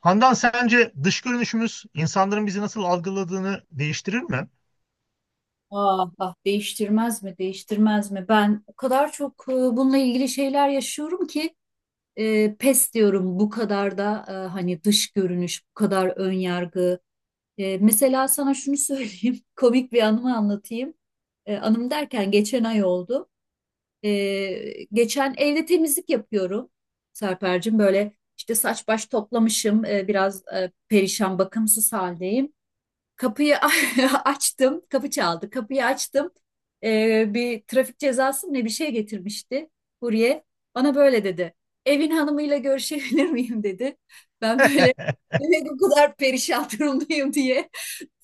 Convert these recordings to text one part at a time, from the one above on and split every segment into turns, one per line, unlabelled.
Handan, sence dış görünüşümüz insanların bizi nasıl algıladığını değiştirir mi?
Ah, ah değiştirmez mi değiştirmez mi, ben o kadar çok bununla ilgili şeyler yaşıyorum ki pes diyorum. Bu kadar da hani dış görünüş bu kadar ön yargı. Mesela sana şunu söyleyeyim, komik bir anımı anlatayım. Anım derken geçen ay oldu. Geçen evde temizlik yapıyorum Serpercim, böyle işte saç baş toplamışım. Biraz perişan, bakımsız haldeyim. Kapıyı açtım, kapı çaldı. Kapıyı açtım. Bir trafik cezası mı ne bir şey getirmişti kurye. Bana böyle dedi: "Evin hanımıyla görüşebilir miyim?" dedi. Ben böyle, demek o kadar perişan durumdayım diye.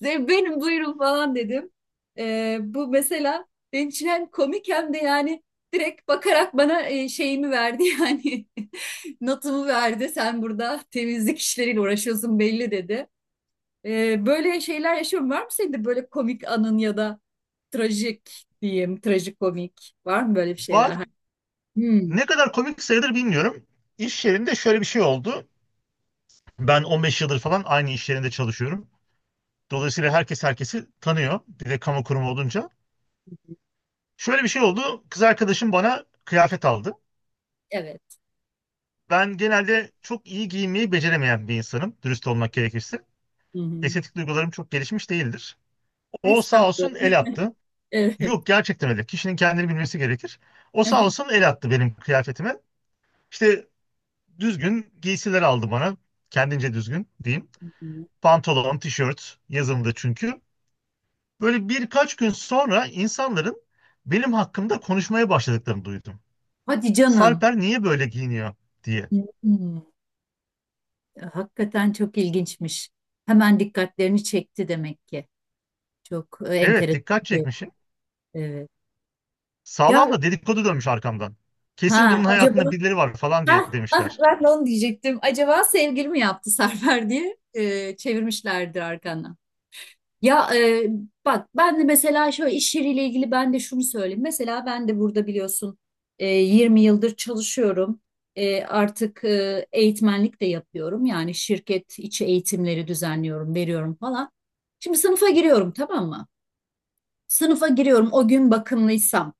"Benim, buyurun" falan dedim. Bu mesela benim için hem komik hem de yani direkt bakarak bana şeyimi verdi yani notumu verdi. "Sen burada temizlik işleriyle uğraşıyorsun belli" dedi. Böyle şeyler yaşıyorum. Var mı senin de böyle komik anın, ya da trajik diyeyim, trajikomik? Var mı böyle bir
Var.
şeyler? Hmm.
Ne kadar komik sayılır bilmiyorum. İş yerinde şöyle bir şey oldu. Ben 15 yıldır falan aynı iş yerinde çalışıyorum. Dolayısıyla herkes herkesi tanıyor. Bir de kamu kurumu olunca. Şöyle bir şey oldu. Kız arkadaşım bana kıyafet aldı.
Evet.
Ben genelde çok iyi giyinmeyi beceremeyen bir insanım. Dürüst olmak gerekirse.
Hı hı.
Estetik duygularım çok gelişmiş değildir. O sağ olsun
Estağfurullah.
el attı.
Evet.
Yok gerçekten öyle. Kişinin kendini bilmesi gerekir. O sağ olsun el attı benim kıyafetime. İşte düzgün giysiler aldı bana. Kendince düzgün diyeyim. Pantolon, tişört yazımdı çünkü. Böyle birkaç gün sonra insanların benim hakkımda konuşmaya başladıklarını duydum.
Hadi canım.
Sarper niye böyle giyiniyor diye.
Hmm. Hakikaten çok ilginçmiş. Hemen dikkatlerini çekti demek ki. Çok
Evet,
enteresan
dikkat
bu.
çekmişim.
Evet. Ya,
Sağlam da dedikodu dönmüş arkamdan. Kesin
ha
bunun
acaba,
hayatında birileri var falan diye
ha ha
demişler.
ben de onu diyecektim. Acaba sevgili mi yaptı Serper diye çevirmişlerdir arkandan. Ya, bak ben de mesela şöyle iş yeriyle ilgili ben de şunu söyleyeyim. Mesela ben de burada biliyorsun 20 yıldır çalışıyorum. Artık eğitmenlik de yapıyorum. Yani şirket içi eğitimleri düzenliyorum, veriyorum falan. Şimdi sınıfa giriyorum, tamam mı? Sınıfa giriyorum o gün bakımlıysam.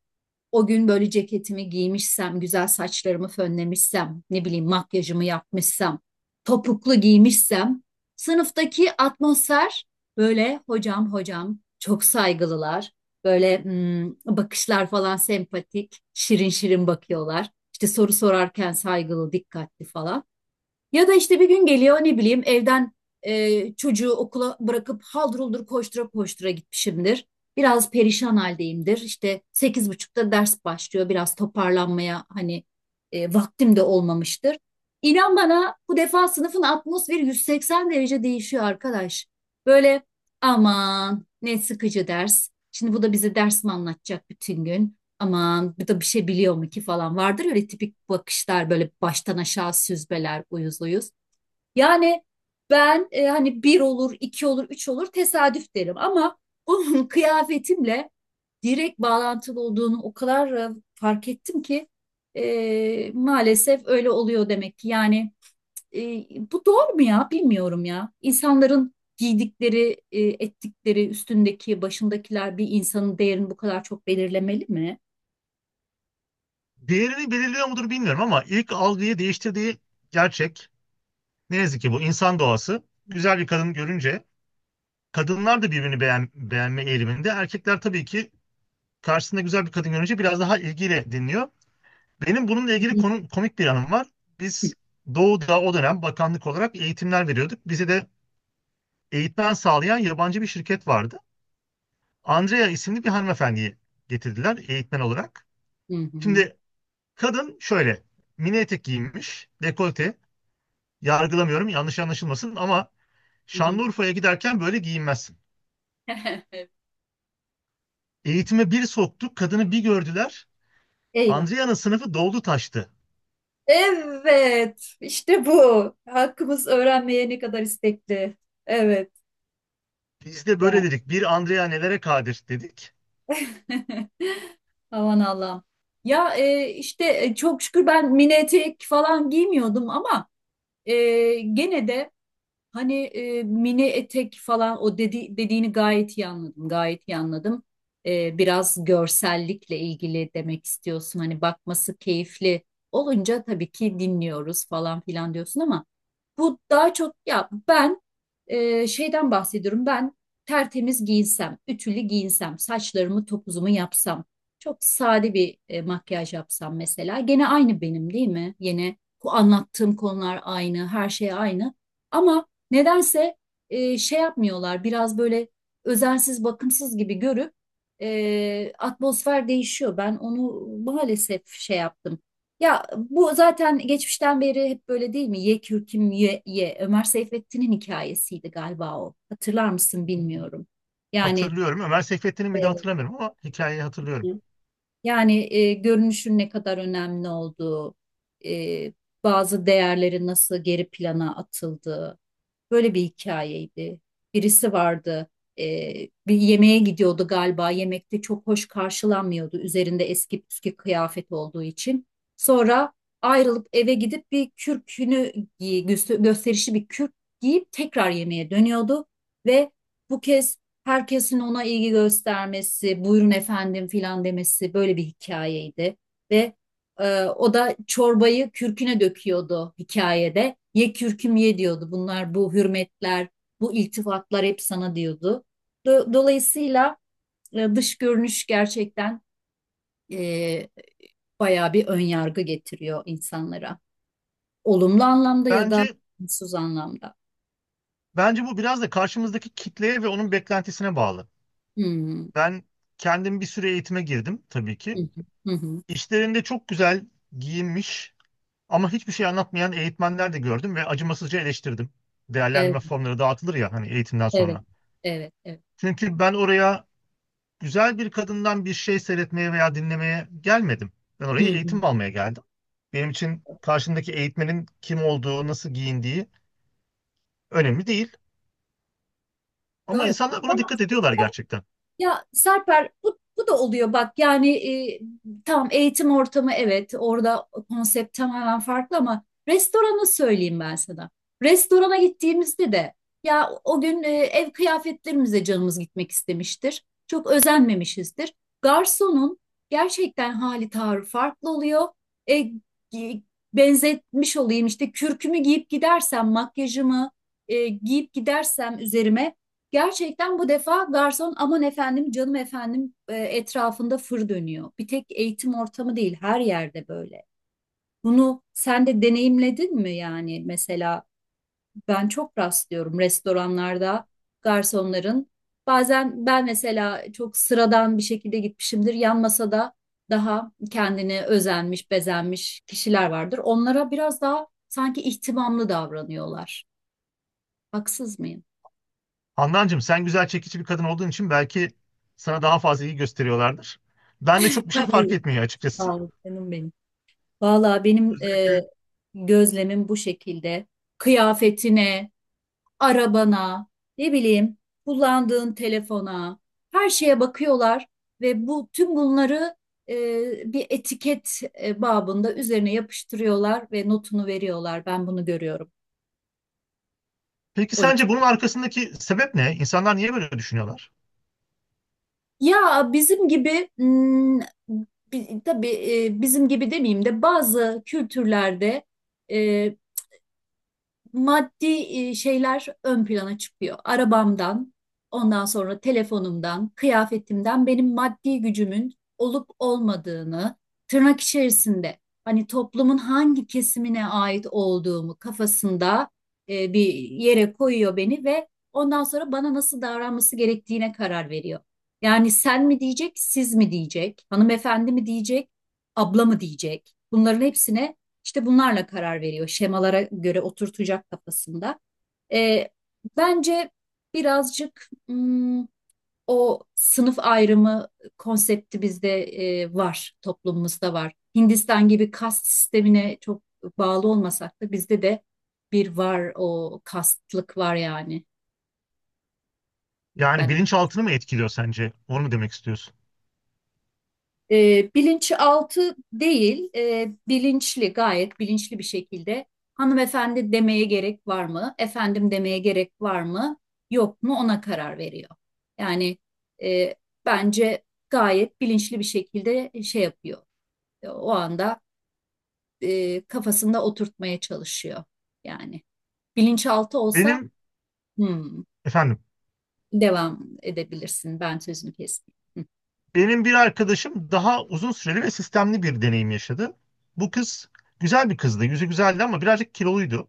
O gün böyle ceketimi giymişsem, güzel saçlarımı fönlemişsem, ne bileyim makyajımı yapmışsam, topuklu giymişsem, sınıftaki atmosfer böyle, "Hocam, hocam", çok saygılılar. Böyle bakışlar falan sempatik, şirin şirin bakıyorlar. İşte soru sorarken saygılı, dikkatli falan. Ya da işte bir gün geliyor, ne bileyim, evden çocuğu okula bırakıp haldır huldur koştura koştura gitmişimdir. Biraz perişan haldeyimdir. İşte 8.30'da ders başlıyor. Biraz toparlanmaya hani vaktim de olmamıştır. İnan bana bu defa sınıfın atmosferi 180 derece değişiyor arkadaş. Böyle, "Aman ne sıkıcı ders. Şimdi bu da bize ders mi anlatacak bütün gün? Aman bu da bir şey biliyor mu ki?" falan vardır ya, öyle tipik bakışlar, böyle baştan aşağı süzmeler, uyuz uyuz. Yani ben hani bir olur, iki olur, üç olur tesadüf derim ama onun kıyafetimle direkt bağlantılı olduğunu o kadar fark ettim ki maalesef öyle oluyor demek ki. Yani e, bu doğru mu ya? Bilmiyorum ya. İnsanların giydikleri, ettikleri, üstündeki, başındakiler bir insanın değerini bu kadar çok belirlemeli mi?
Değerini belirliyor mudur bilmiyorum ama ilk algıyı değiştirdiği gerçek. Ne yazık ki bu insan doğası. Güzel bir kadın görünce kadınlar da birbirini beğen, beğenme eğiliminde. Erkekler tabii ki karşısında güzel bir kadın görünce biraz daha ilgiyle dinliyor. Benim bununla ilgili konu, komik bir anım var. Biz Doğu'da o dönem bakanlık olarak eğitimler veriyorduk. Bize de eğitmen sağlayan yabancı bir şirket vardı. Andrea isimli bir hanımefendiyi getirdiler eğitmen olarak.
Hı hı.
Şimdi kadın şöyle mini etek giyinmiş, dekolte. Yargılamıyorum, yanlış anlaşılmasın ama
Hı hı.
Şanlıurfa'ya giderken böyle giyinmezsin. Eğitime bir soktuk, kadını bir gördüler.
Eyvah.
Andrea'nın sınıfı doldu taştı.
Evet, işte bu. Hakkımız öğrenmeye ne kadar istekli. Evet.
Biz de
Ya.
böyle dedik. Bir Andrea nelere kadir dedik.
Aman Allah'ım. Ya, işte çok şükür ben mini etek falan giymiyordum ama e, gene de hani mini etek falan, o dedi, dediğini gayet iyi anladım. Gayet iyi anladım. Biraz görsellikle ilgili demek istiyorsun. Hani bakması keyifli olunca tabii ki dinliyoruz falan filan diyorsun ama bu daha çok ya ben şeyden bahsediyorum. Ben tertemiz giyinsem, ütülü giyinsem, saçlarımı topuzumu yapsam, çok sade bir makyaj yapsam mesela, gene aynı benim değil mi? Yine bu anlattığım konular aynı, her şey aynı. Ama nedense şey yapmıyorlar, biraz böyle özensiz bakımsız gibi görüp atmosfer değişiyor. Ben onu maalesef şey yaptım. Ya bu zaten geçmişten beri hep böyle değil mi? Ye kürküm, ye. Ömer Seyfettin'in hikayesiydi galiba o. Hatırlar mısın bilmiyorum. Yani
Hatırlıyorum. Ömer Seyfettin'in miydi hatırlamıyorum ama hikayeyi
e,
hatırlıyorum.
yani, görünüşün ne kadar önemli olduğu, e, bazı değerleri nasıl geri plana atıldığı, böyle bir hikayeydi. Birisi vardı, e, bir yemeğe gidiyordu galiba, yemekte çok hoş karşılanmıyordu üzerinde eski püskü kıyafet olduğu için. Sonra ayrılıp eve gidip bir kürkünü gösterişli bir kürk giyip tekrar yemeğe dönüyordu ve bu kez herkesin ona ilgi göstermesi, "Buyurun efendim" filan demesi, böyle bir hikayeydi. Ve o da çorbayı kürküne döküyordu hikayede. "Ye kürküm ye" diyordu. "Bunlar, bu hürmetler, bu iltifatlar hep sana" diyordu. Dolayısıyla dış görünüş gerçekten e, bayağı bir ön yargı getiriyor insanlara. Olumlu anlamda ya da
Bence
olumsuz anlamda.
bence bu biraz da karşımızdaki kitleye ve onun beklentisine bağlı.
Hmm.
Ben kendim bir süre eğitime girdim tabii
Hı
ki.
hı. Hı hı.
İşlerinde çok güzel giyinmiş ama hiçbir şey anlatmayan eğitmenler de gördüm ve acımasızca eleştirdim.
Evet,
Değerlendirme formları dağıtılır ya hani eğitimden
evet,
sonra.
evet, evet.
Çünkü ben oraya güzel bir kadından bir şey seyretmeye veya dinlemeye gelmedim. Ben oraya
Hı.
eğitim almaya geldim. Benim için karşımdaki eğitmenin kim olduğu, nasıl giyindiği önemli değil. Ama
Doğru.
insanlar
Ya,
buna dikkat ediyorlar gerçekten.
ya Serper bu da oluyor bak yani e, tam eğitim ortamı, evet, orada konsept tamamen farklı ama restoranı söyleyeyim ben sana. Restorana gittiğimizde de ya o gün ev kıyafetlerimize canımız gitmek istemiştir. Çok özenmemişizdir. Garsonun gerçekten hali tavrı farklı oluyor. E, gi- Benzetmiş olayım, işte kürkümü giyip gidersem, makyajımı giyip gidersem üzerime, gerçekten bu defa garson "Aman efendim, canım efendim" etrafında fır dönüyor. Bir tek eğitim ortamı değil, her yerde böyle. Bunu sen de deneyimledin mi yani? Mesela ben çok rastlıyorum restoranlarda garsonların, bazen ben mesela çok sıradan bir şekilde gitmişimdir, yan masada daha kendine özenmiş bezenmiş kişiler vardır, onlara biraz daha sanki ihtimamlı davranıyorlar. Haksız mıyım?
Handancığım, sen güzel çekici bir kadın olduğun için belki sana daha fazla iyi gösteriyorlardır. Ben de çok bir şey fark
Hayır.
etmiyor açıkçası.
Sağ ol canım benim. Valla benim
Özellikle.
gözlemim bu şekilde. Kıyafetine, arabana, ne bileyim, kullandığın telefona, her şeye bakıyorlar ve bu, tüm bunları e, bir etiket babında üzerine yapıştırıyorlar ve notunu veriyorlar. Ben bunu görüyorum.
Peki
O
sence
yüzden.
bunun arkasındaki sebep ne? İnsanlar niye böyle düşünüyorlar?
Ya bizim gibi, tabii bizim gibi demeyeyim de, bazı kültürlerde e, maddi şeyler ön plana çıkıyor. Arabamdan, ondan sonra telefonumdan, kıyafetimden benim maddi gücümün olup olmadığını, tırnak içerisinde, hani toplumun hangi kesimine ait olduğumu kafasında bir yere koyuyor beni ve ondan sonra bana nasıl davranması gerektiğine karar veriyor. Yani sen mi diyecek, siz mi diyecek, hanımefendi mi diyecek, abla mı diyecek? Bunların hepsine işte bunlarla karar veriyor. Şemalara göre oturtacak kafasında. E, Bence birazcık o sınıf ayrımı konsepti bizde var, toplumumuzda var. Hindistan gibi kast sistemine çok bağlı olmasak da bizde de bir var, o kastlık var yani.
Yani
Ben,
bilinçaltını mı etkiliyor sence? Onu mu demek istiyorsun?
Bilinçaltı değil, bilinçli, gayet bilinçli bir şekilde hanımefendi demeye gerek var mı, efendim demeye gerek var mı, yok mu, ona karar veriyor. Yani e, bence gayet bilinçli bir şekilde şey yapıyor. O anda kafasında oturtmaya çalışıyor. Yani bilinçaltı olsa...
Benim.
Hmm,
Efendim.
devam edebilirsin. Ben sözünü kestim.
Benim bir arkadaşım daha uzun süreli ve sistemli bir deneyim yaşadı. Bu kız güzel bir kızdı. Yüzü güzeldi ama birazcık kiloluydu.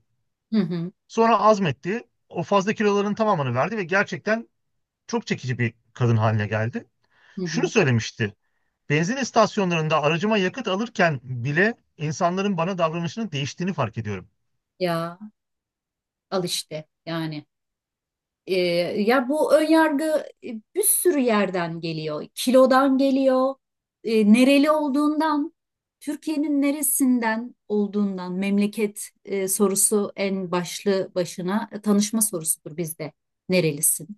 Hı hı
Sonra azmetti. O fazla kiloların tamamını verdi ve gerçekten çok çekici bir kadın haline geldi.
hı.
Şunu
Hı.
söylemişti. Benzin istasyonlarında aracıma yakıt alırken bile insanların bana davranışının değiştiğini fark ediyorum.
Ya, al işte yani. Ee, Ya bu önyargı e, bir sürü yerden geliyor. Kilodan geliyor, nereli olduğundan, Türkiye'nin neresinden olduğundan. Memleket sorusu en başlı başına tanışma sorusudur bizde. Nerelisin?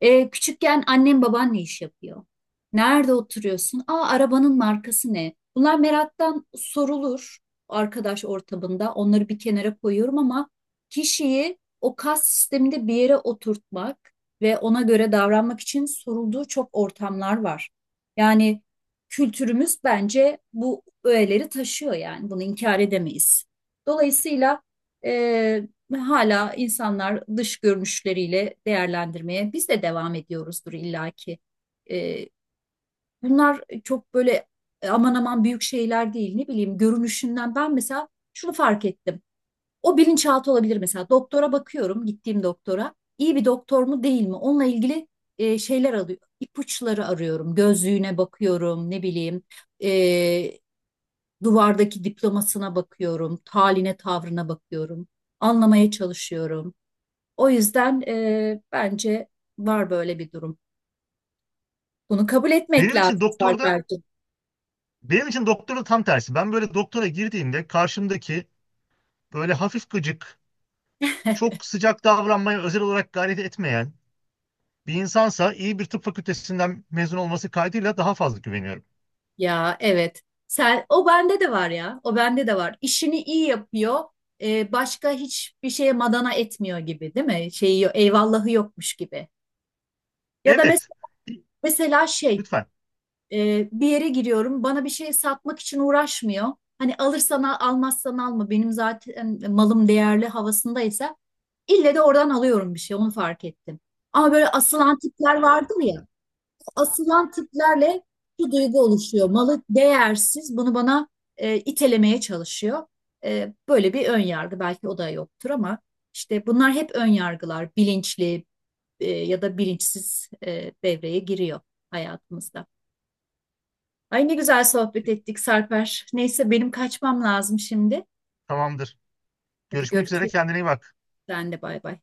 Küçükken annem baban ne iş yapıyor? Nerede oturuyorsun? Aa, arabanın markası ne? Bunlar meraktan sorulur arkadaş ortamında. Onları bir kenara koyuyorum ama kişiyi o kas sisteminde bir yere oturtmak ve ona göre davranmak için sorulduğu çok ortamlar var. Yani kültürümüz bence bu öğeleri taşıyor, yani bunu inkar edemeyiz. Dolayısıyla e, ve hala insanlar dış görünüşleriyle değerlendirmeye biz de devam ediyoruzdur illaki. Ee, Bunlar çok böyle aman aman büyük şeyler değil, ne bileyim, görünüşünden. Ben mesela şunu fark ettim. O bilinçaltı olabilir mesela, doktora bakıyorum, gittiğim doktora iyi bir doktor mu değil mi, onunla ilgili şeyler alıyor, ipuçları arıyorum, gözlüğüne bakıyorum, ne bileyim, e, duvardaki diplomasına bakıyorum, taline tavrına bakıyorum, anlamaya çalışıyorum. O yüzden bence var böyle bir durum. Bunu kabul etmek
Benim için
lazım
doktorda,
Sarper'cim.
benim için doktorda tam tersi. Ben böyle doktora girdiğimde karşımdaki böyle hafif gıcık, çok sıcak davranmaya özel olarak gayret etmeyen, bir insansa iyi bir tıp fakültesinden mezun olması kaydıyla daha fazla güveniyorum.
Ya evet. Sen, o bende de var ya. O bende de var. İşini iyi yapıyor. Başka hiçbir şeye madana etmiyor gibi değil mi? Şeyi, eyvallahı yokmuş gibi. Ya da
Evet.
mesela şey,
Lütfen.
Bir yere giriyorum. Bana bir şey satmak için uğraşmıyor. Hani alırsan al, almazsan alma. Benim zaten malım değerli havasındaysa ille de oradan alıyorum bir şey. Onu fark ettim. Ama böyle asılan tipler vardır ya. Asılan tiplerle bir duygu oluşuyor. Malı değersiz. Bunu bana itelemeye çalışıyor. Böyle bir ön yargı belki o da yoktur ama işte bunlar hep ön yargılar. Bilinçli ya da bilinçsiz devreye giriyor hayatımızda. Ay, ne güzel sohbet ettik Sarper. Neyse, benim kaçmam lazım şimdi.
Tamamdır.
Hadi
Görüşmek üzere.
görüşürüz.
Kendine iyi bak.
Sen de bay bay.